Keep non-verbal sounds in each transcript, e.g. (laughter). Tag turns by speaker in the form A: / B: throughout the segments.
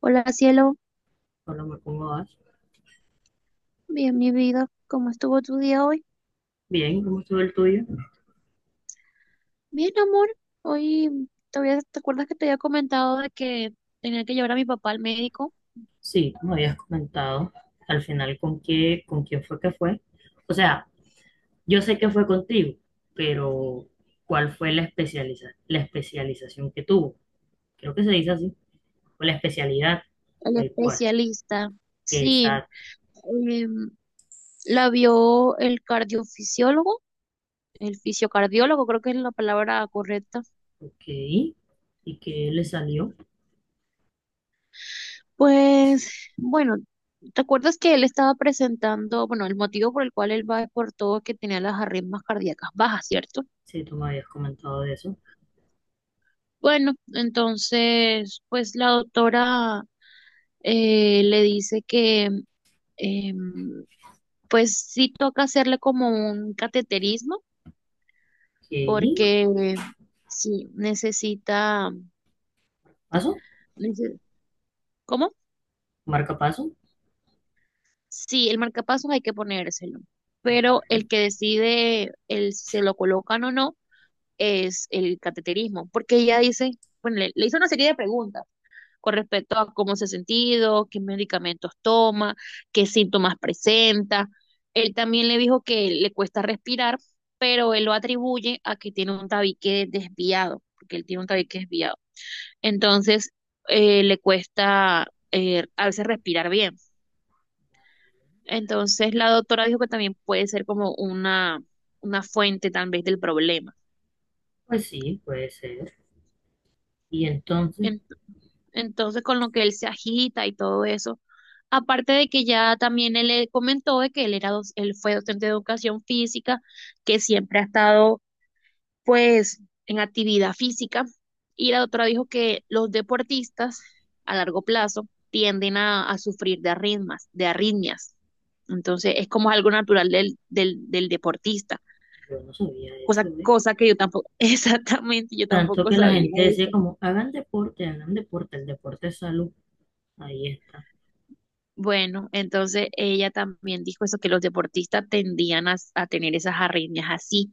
A: Hola, cielo.
B: Problema con Oash.
A: Bien, mi vida, ¿cómo estuvo tu día hoy?
B: Bien, ¿cómo estuvo el tuyo?
A: Bien, amor, hoy todavía te acuerdas que te había comentado de que tenía que llevar a mi papá al médico,
B: Sí, como habías comentado, al final con qué, con quién fue que fue. O sea, yo sé que fue contigo, pero ¿cuál fue la especialización que tuvo? Creo que se dice así, o la especialidad,
A: al
B: el cual.
A: especialista. Sí,
B: Exacto,
A: em, la vio el cardiofisiólogo, el fisiocardiólogo, creo que es la palabra correcta.
B: ok. ¿Y qué le salió?
A: Pues bueno, ¿te acuerdas que él estaba presentando? Bueno, el motivo por el cual él va es por todo que tenía las arritmias cardíacas bajas, ¿cierto?
B: Sí, tú me habías comentado de eso.
A: Bueno, entonces, pues la doctora le dice que em, pues sí toca hacerle como un cateterismo
B: ¿Qué?
A: porque sí necesita,
B: ¿Paso?
A: nece- ¿cómo?
B: ¿Marca paso?
A: Sí, el marcapasos hay que ponérselo, pero el
B: Vale,
A: que decide el si se lo colocan o no es el cateterismo, porque ella dice, bueno, le hizo una serie de preguntas con respecto a cómo se ha sentido, qué medicamentos toma, qué síntomas presenta. Él también le dijo que le cuesta respirar, pero él lo atribuye a que tiene un tabique desviado, porque él tiene un tabique desviado. Entonces, le cuesta a veces respirar bien. Entonces, la doctora dijo que también puede ser como una fuente tal vez del problema.
B: pues sí, puede ser. Y entonces,
A: Entonces, con lo que él se agita y todo eso. Aparte de que ya también él le comentó de que él era, él fue docente de educación física, que siempre ha estado pues en actividad física. Y la doctora dijo que los deportistas a largo plazo tienden a sufrir de arritmias, de arritmias. Entonces, es como algo natural del deportista.
B: yo no sabía
A: Cosa,
B: eso, ¿eh?
A: cosa que yo tampoco, (laughs) exactamente, yo
B: Tanto
A: tampoco
B: que la
A: sabía
B: gente decía
A: eso.
B: como, hagan deporte, el deporte es salud. Ahí está.
A: Bueno, entonces ella también dijo eso, que los deportistas tendían a tener esas arritmias así.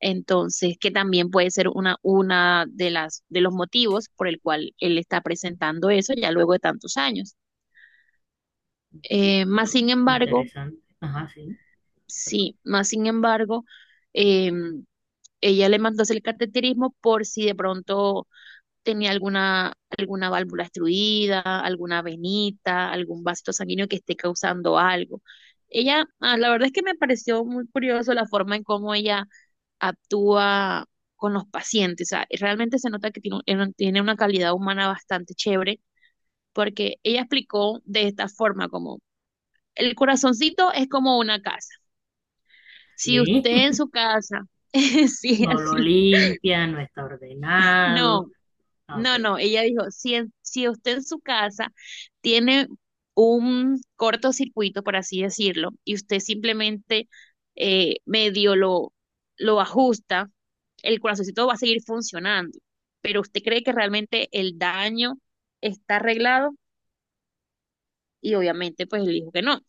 A: Entonces, que también puede ser una de las, de los motivos por el cual él está presentando eso ya luego de tantos años. Más
B: Quitando.
A: sin embargo,
B: Interesante. Ajá, sí. Perdón.
A: sí, más sin embargo, em, ella le mandó a hacer el cateterismo por si de pronto tenía alguna, alguna válvula obstruida, alguna venita, algún vasito sanguíneo que esté causando algo. Ella, ah, la verdad es que me pareció muy curioso la forma en cómo ella actúa con los pacientes. O sea, realmente se nota que tiene, tiene una calidad humana bastante chévere, porque ella explicó de esta forma, como el corazoncito es como una casa. Si
B: Leí.
A: usted en
B: (laughs)
A: su casa, (laughs) sí,
B: No lo
A: así,
B: limpia, no está ordenado.
A: no.
B: Ah, ok.
A: No, no, ella dijo, si, si usted en su casa tiene un cortocircuito, por así decirlo, y usted simplemente eh, medio lo, lo ajusta, el corazoncito va a seguir funcionando, pero usted cree que realmente el daño está arreglado y obviamente pues él dijo que no.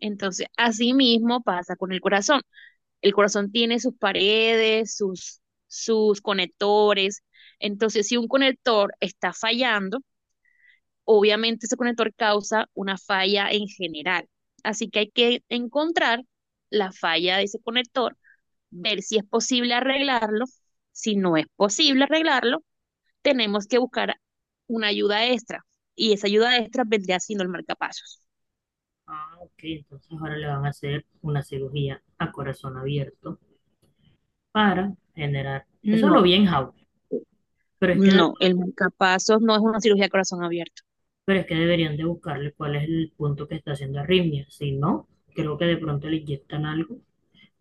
A: Entonces, así mismo pasa con el corazón. El corazón tiene sus paredes, sus conectores. Entonces, si un conector está fallando, obviamente ese conector causa una falla en general. Así que hay que encontrar la falla de ese conector, ver si es posible arreglarlo. Si no es posible arreglarlo, tenemos que buscar una ayuda extra y esa ayuda extra vendría siendo el marcapasos.
B: Ah, ok. Entonces ahora le van a hacer una cirugía a corazón abierto para generar. Eso lo
A: No,
B: vi en How. Pero es que, de-
A: no, el marcapasos no es una cirugía de corazón abierto.
B: pero es que deberían de buscarle cuál es el punto que está haciendo arritmia. Si no, creo que de pronto le inyectan algo,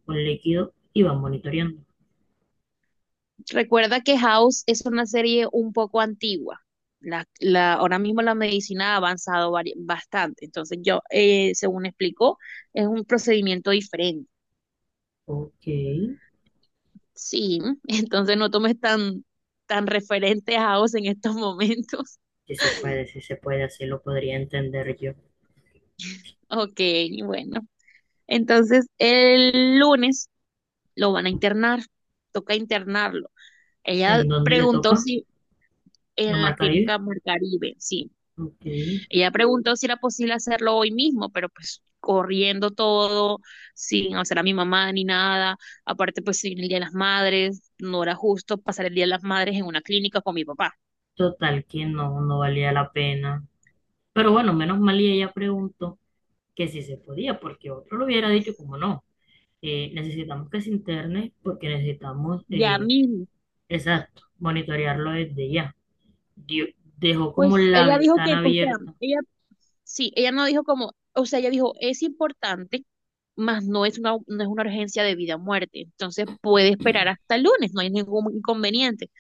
B: un líquido, y van monitoreando.
A: Recuerda que House es una serie un poco antigua. Ahora mismo la medicina ha avanzado bastante. Entonces, yo, según explicó, es un procedimiento diferente.
B: Ok.
A: Sí, (laughs) entonces no tomes tan, tan referente a House en estos momentos. (laughs)
B: Si se puede, si se puede, así lo podría entender yo.
A: Ok, bueno. Entonces, el lunes lo van a internar. Toca internarlo. Ella
B: ¿En dónde le
A: preguntó
B: toca?
A: si
B: ¿La
A: en
B: Mar
A: la
B: Caribe?
A: clínica Mar Caribe, sí.
B: Ok.
A: Ella preguntó si era posible hacerlo hoy mismo, pero pues corriendo todo, sin hacer a mi mamá ni nada. Aparte, pues sin el Día de las Madres, no era justo pasar el Día de las Madres en una clínica con mi papá.
B: Total, que no, no valía la pena. Pero bueno, menos mal y ella preguntó que si se podía, porque otro lo hubiera dicho como no. Necesitamos que se interne porque necesitamos,
A: Ya mismo.
B: exacto, monitorearlo desde ya. Dio- Dejó como
A: Pues
B: la
A: ella dijo que,
B: ventana
A: o sea,
B: abierta.
A: ella sí, ella no dijo como, o sea, ella dijo, es importante, mas no es una, no es una urgencia de vida o muerte. Entonces puede esperar hasta el lunes, no hay ningún inconveniente.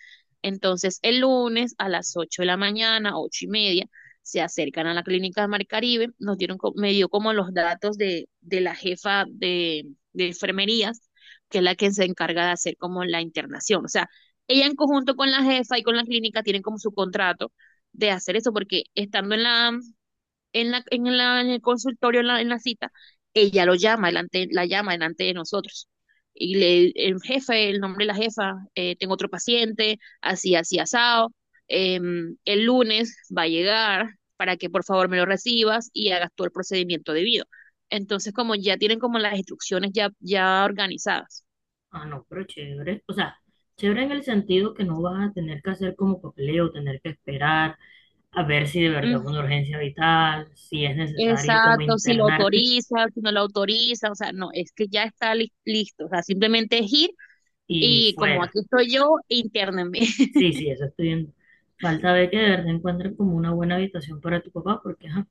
A: Entonces, el lunes a las 8 de la mañana, ocho y media, se acercan a la clínica de Mar Caribe, nos dieron, me dio como los datos de la jefa de enfermerías, que es la que se encarga de hacer como la internación. O sea, ella en conjunto con la jefa y con la clínica tienen como su contrato de hacer eso, porque estando en la, en en el consultorio, en en la cita, ella lo llama, la llama delante de nosotros. Y el jefe, el nombre de la jefa, tengo otro paciente, así, así, asado. El lunes va a llegar para que por favor me lo recibas y hagas todo el procedimiento debido. Entonces, como ya tienen como las instrucciones ya, ya organizadas.
B: Ah, no, pero chévere. O sea, chévere en el sentido que no vas a tener que hacer como papeleo, tener que esperar a ver si de verdad es
A: Mm,
B: una urgencia vital, si es necesario como
A: exacto, si lo
B: internarte
A: autoriza, si no lo autoriza, o sea, no, es que ya está listo, o sea, simplemente es ir.
B: y
A: Y como
B: fuera.
A: aquí estoy yo, internenme. (laughs)
B: Sí, sí, eso estoy viendo. Falta ver que de verdad encuentren como una buena habitación para tu papá, porque ajá,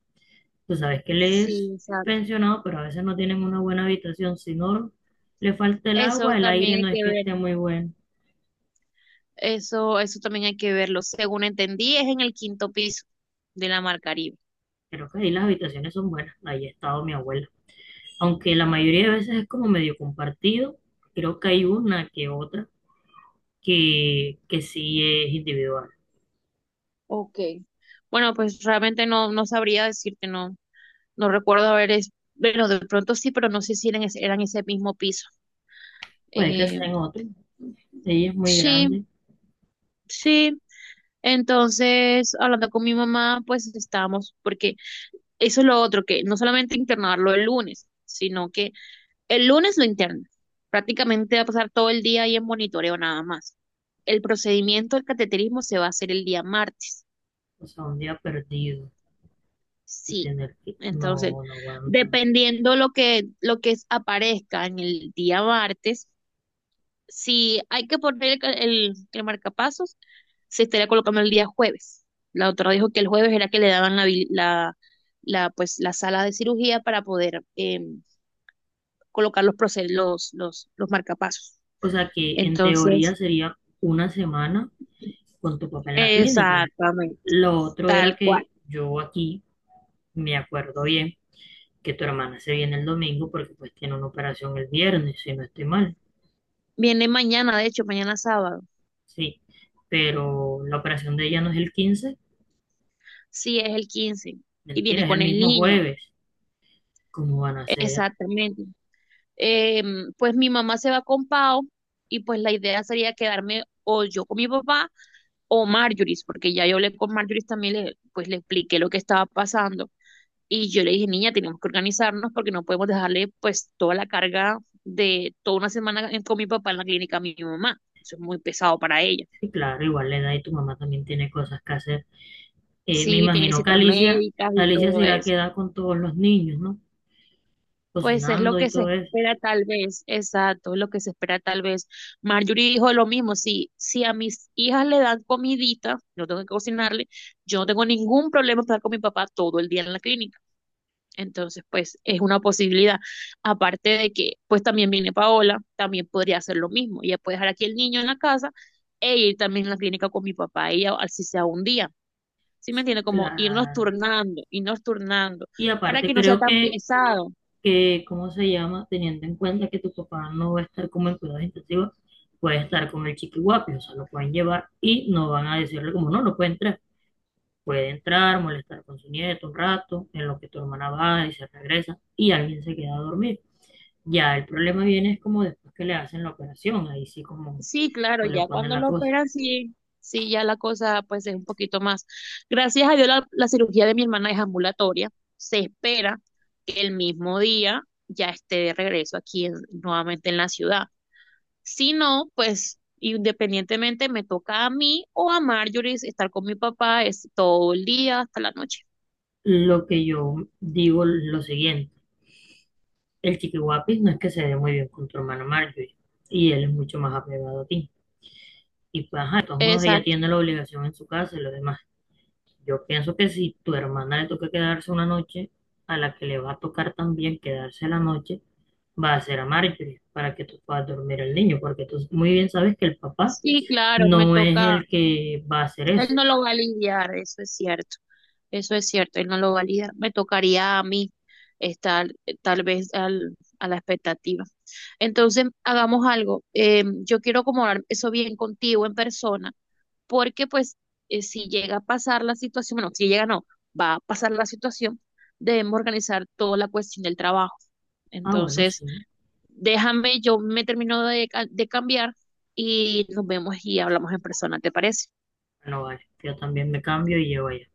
B: tú sabes que él es
A: Sí, exacto.
B: pensionado, pero a veces no tienen una buena habitación, sino le falta el
A: Eso
B: agua, el aire
A: también
B: no
A: hay
B: es
A: que
B: que
A: ver.
B: esté muy bueno.
A: Eso también hay que verlo. Según entendí, es en el 5.º piso de la Mar Caribe.
B: Creo que ahí las habitaciones son buenas, ahí ha estado mi abuela. Aunque la mayoría de veces es como medio compartido, creo que hay una que otra que sí es individual.
A: Ok. Bueno, pues realmente no, no sabría decirte, no, no recuerdo haber, es, bueno, de pronto sí, pero no sé si eran, eran ese mismo piso.
B: Puede que
A: Eh,
B: sea en otro, ella es muy
A: sí,
B: grande.
A: sí. Entonces, hablando con mi mamá, pues estábamos, porque eso es lo otro, que no solamente internarlo el lunes, sino que el lunes lo internas. Prácticamente va a pasar todo el día ahí en monitoreo nada más. El procedimiento del cateterismo se va a hacer el día martes.
B: O sea, un día perdido y
A: Sí.
B: tener que,
A: Entonces,
B: no, no aguanta.
A: dependiendo lo que, aparezca en el día martes, si hay que poner el marcapasos, se estaría colocando el día jueves. La doctora dijo que el jueves era que le daban la, habil- la, pues, la sala de cirugía para poder colocar los, proce- los marcapasos.
B: O sea, que en teoría
A: Entonces,
B: sería una semana con tu papá en la clínica, ¿no?
A: exactamente,
B: Lo otro era
A: tal cual.
B: que yo aquí me acuerdo bien que tu hermana se viene el domingo porque pues tiene una operación el viernes, si no estoy mal,
A: Viene mañana, de hecho, mañana sábado.
B: sí. Pero la operación de ella no es el 15,
A: Sí, es el 15 y
B: mentira,
A: viene
B: es el
A: con el
B: mismo
A: niño.
B: jueves. ¿Cómo van a hacer?
A: Exactamente. Em, pues mi mamá se va con Pau y pues la idea sería quedarme o yo con mi papá o Marjorie, porque ya yo hablé con Marjorie también, pues le expliqué lo que estaba pasando y yo le dije, niña, tenemos que organizarnos porque no podemos dejarle pues toda la carga de toda una semana con mi papá en la clínica a mi mamá. Eso es muy pesado para ella.
B: Sí, claro, igual la edad y tu mamá también tiene cosas que hacer. Me
A: Sí, tiene
B: imagino que
A: citas
B: Alicia,
A: médicas y
B: Alicia
A: todo
B: será
A: eso.
B: queda con todos los niños, ¿no?
A: Pues es lo
B: Cocinando y
A: que se
B: todo eso.
A: espera tal vez, exacto, es lo que se espera tal vez. Marjorie dijo lo mismo, si, si a mis hijas le dan comidita, no tengo que cocinarle, yo no tengo ningún problema para estar con mi papá todo el día en la clínica. Entonces, pues es una posibilidad. Aparte de que, pues también viene Paola, también podría hacer lo mismo. Ella puede dejar aquí el niño en la casa e ir también a la clínica con mi papá, ella, así sea un día. ¿Sí me
B: Sí,
A: entiende? Como
B: claro.
A: irnos turnando,
B: Y
A: para
B: aparte
A: que no sea
B: creo
A: tan pesado.
B: ¿cómo se llama? Teniendo en cuenta que tu papá no va a estar como en cuidados intensivos, puede estar con el chiquihuapi, o sea, lo pueden llevar y no van a decirle como no, no puede entrar. Puede entrar, molestar con su nieto un rato, en lo que tu hermana va y se regresa y alguien se queda a dormir. Ya el problema viene es como después que le hacen la operación, ahí sí como
A: Sí, claro,
B: pues, le
A: ya
B: ponen
A: cuando
B: la
A: lo
B: cosa.
A: operan, sí, sí, ya la cosa pues es un poquito más. Gracias a Dios la, la cirugía de mi hermana es ambulatoria. Se espera que el mismo día ya esté de regreso aquí nuevamente en la ciudad. Si no, pues independientemente me toca a mí o a Marjorie estar con mi papá es todo el día hasta la noche.
B: Lo que yo digo es lo siguiente, el Chiqui guapis no es que se dé muy bien con tu hermana Marjorie y él es mucho más apegado a ti. Y pues, ajá, de todos modos ella
A: Exacto.
B: tiene la obligación en su casa y lo demás. Yo pienso que si tu hermana le toca quedarse una noche, a la que le va a tocar también quedarse la noche, va a ser a Marjorie para que tú puedas dormir al niño, porque tú muy bien sabes que el papá
A: Sí, claro, me
B: no es
A: toca,
B: el que va a hacer
A: él
B: eso.
A: no lo va a lidiar, eso es cierto, él no lo va a lidiar. Me tocaría a mí estar tal vez a la expectativa. Entonces, hagamos algo. Yo quiero acomodar eso bien contigo en persona, porque pues si llega a pasar la situación, bueno, si llega no, va a pasar la situación, debemos organizar toda la cuestión del trabajo.
B: Ah, bueno,
A: Entonces,
B: sí,
A: déjame, yo me termino de, de cambiar y nos vemos y hablamos en persona, ¿te parece?
B: bueno, vale, yo también me cambio y llevo allá.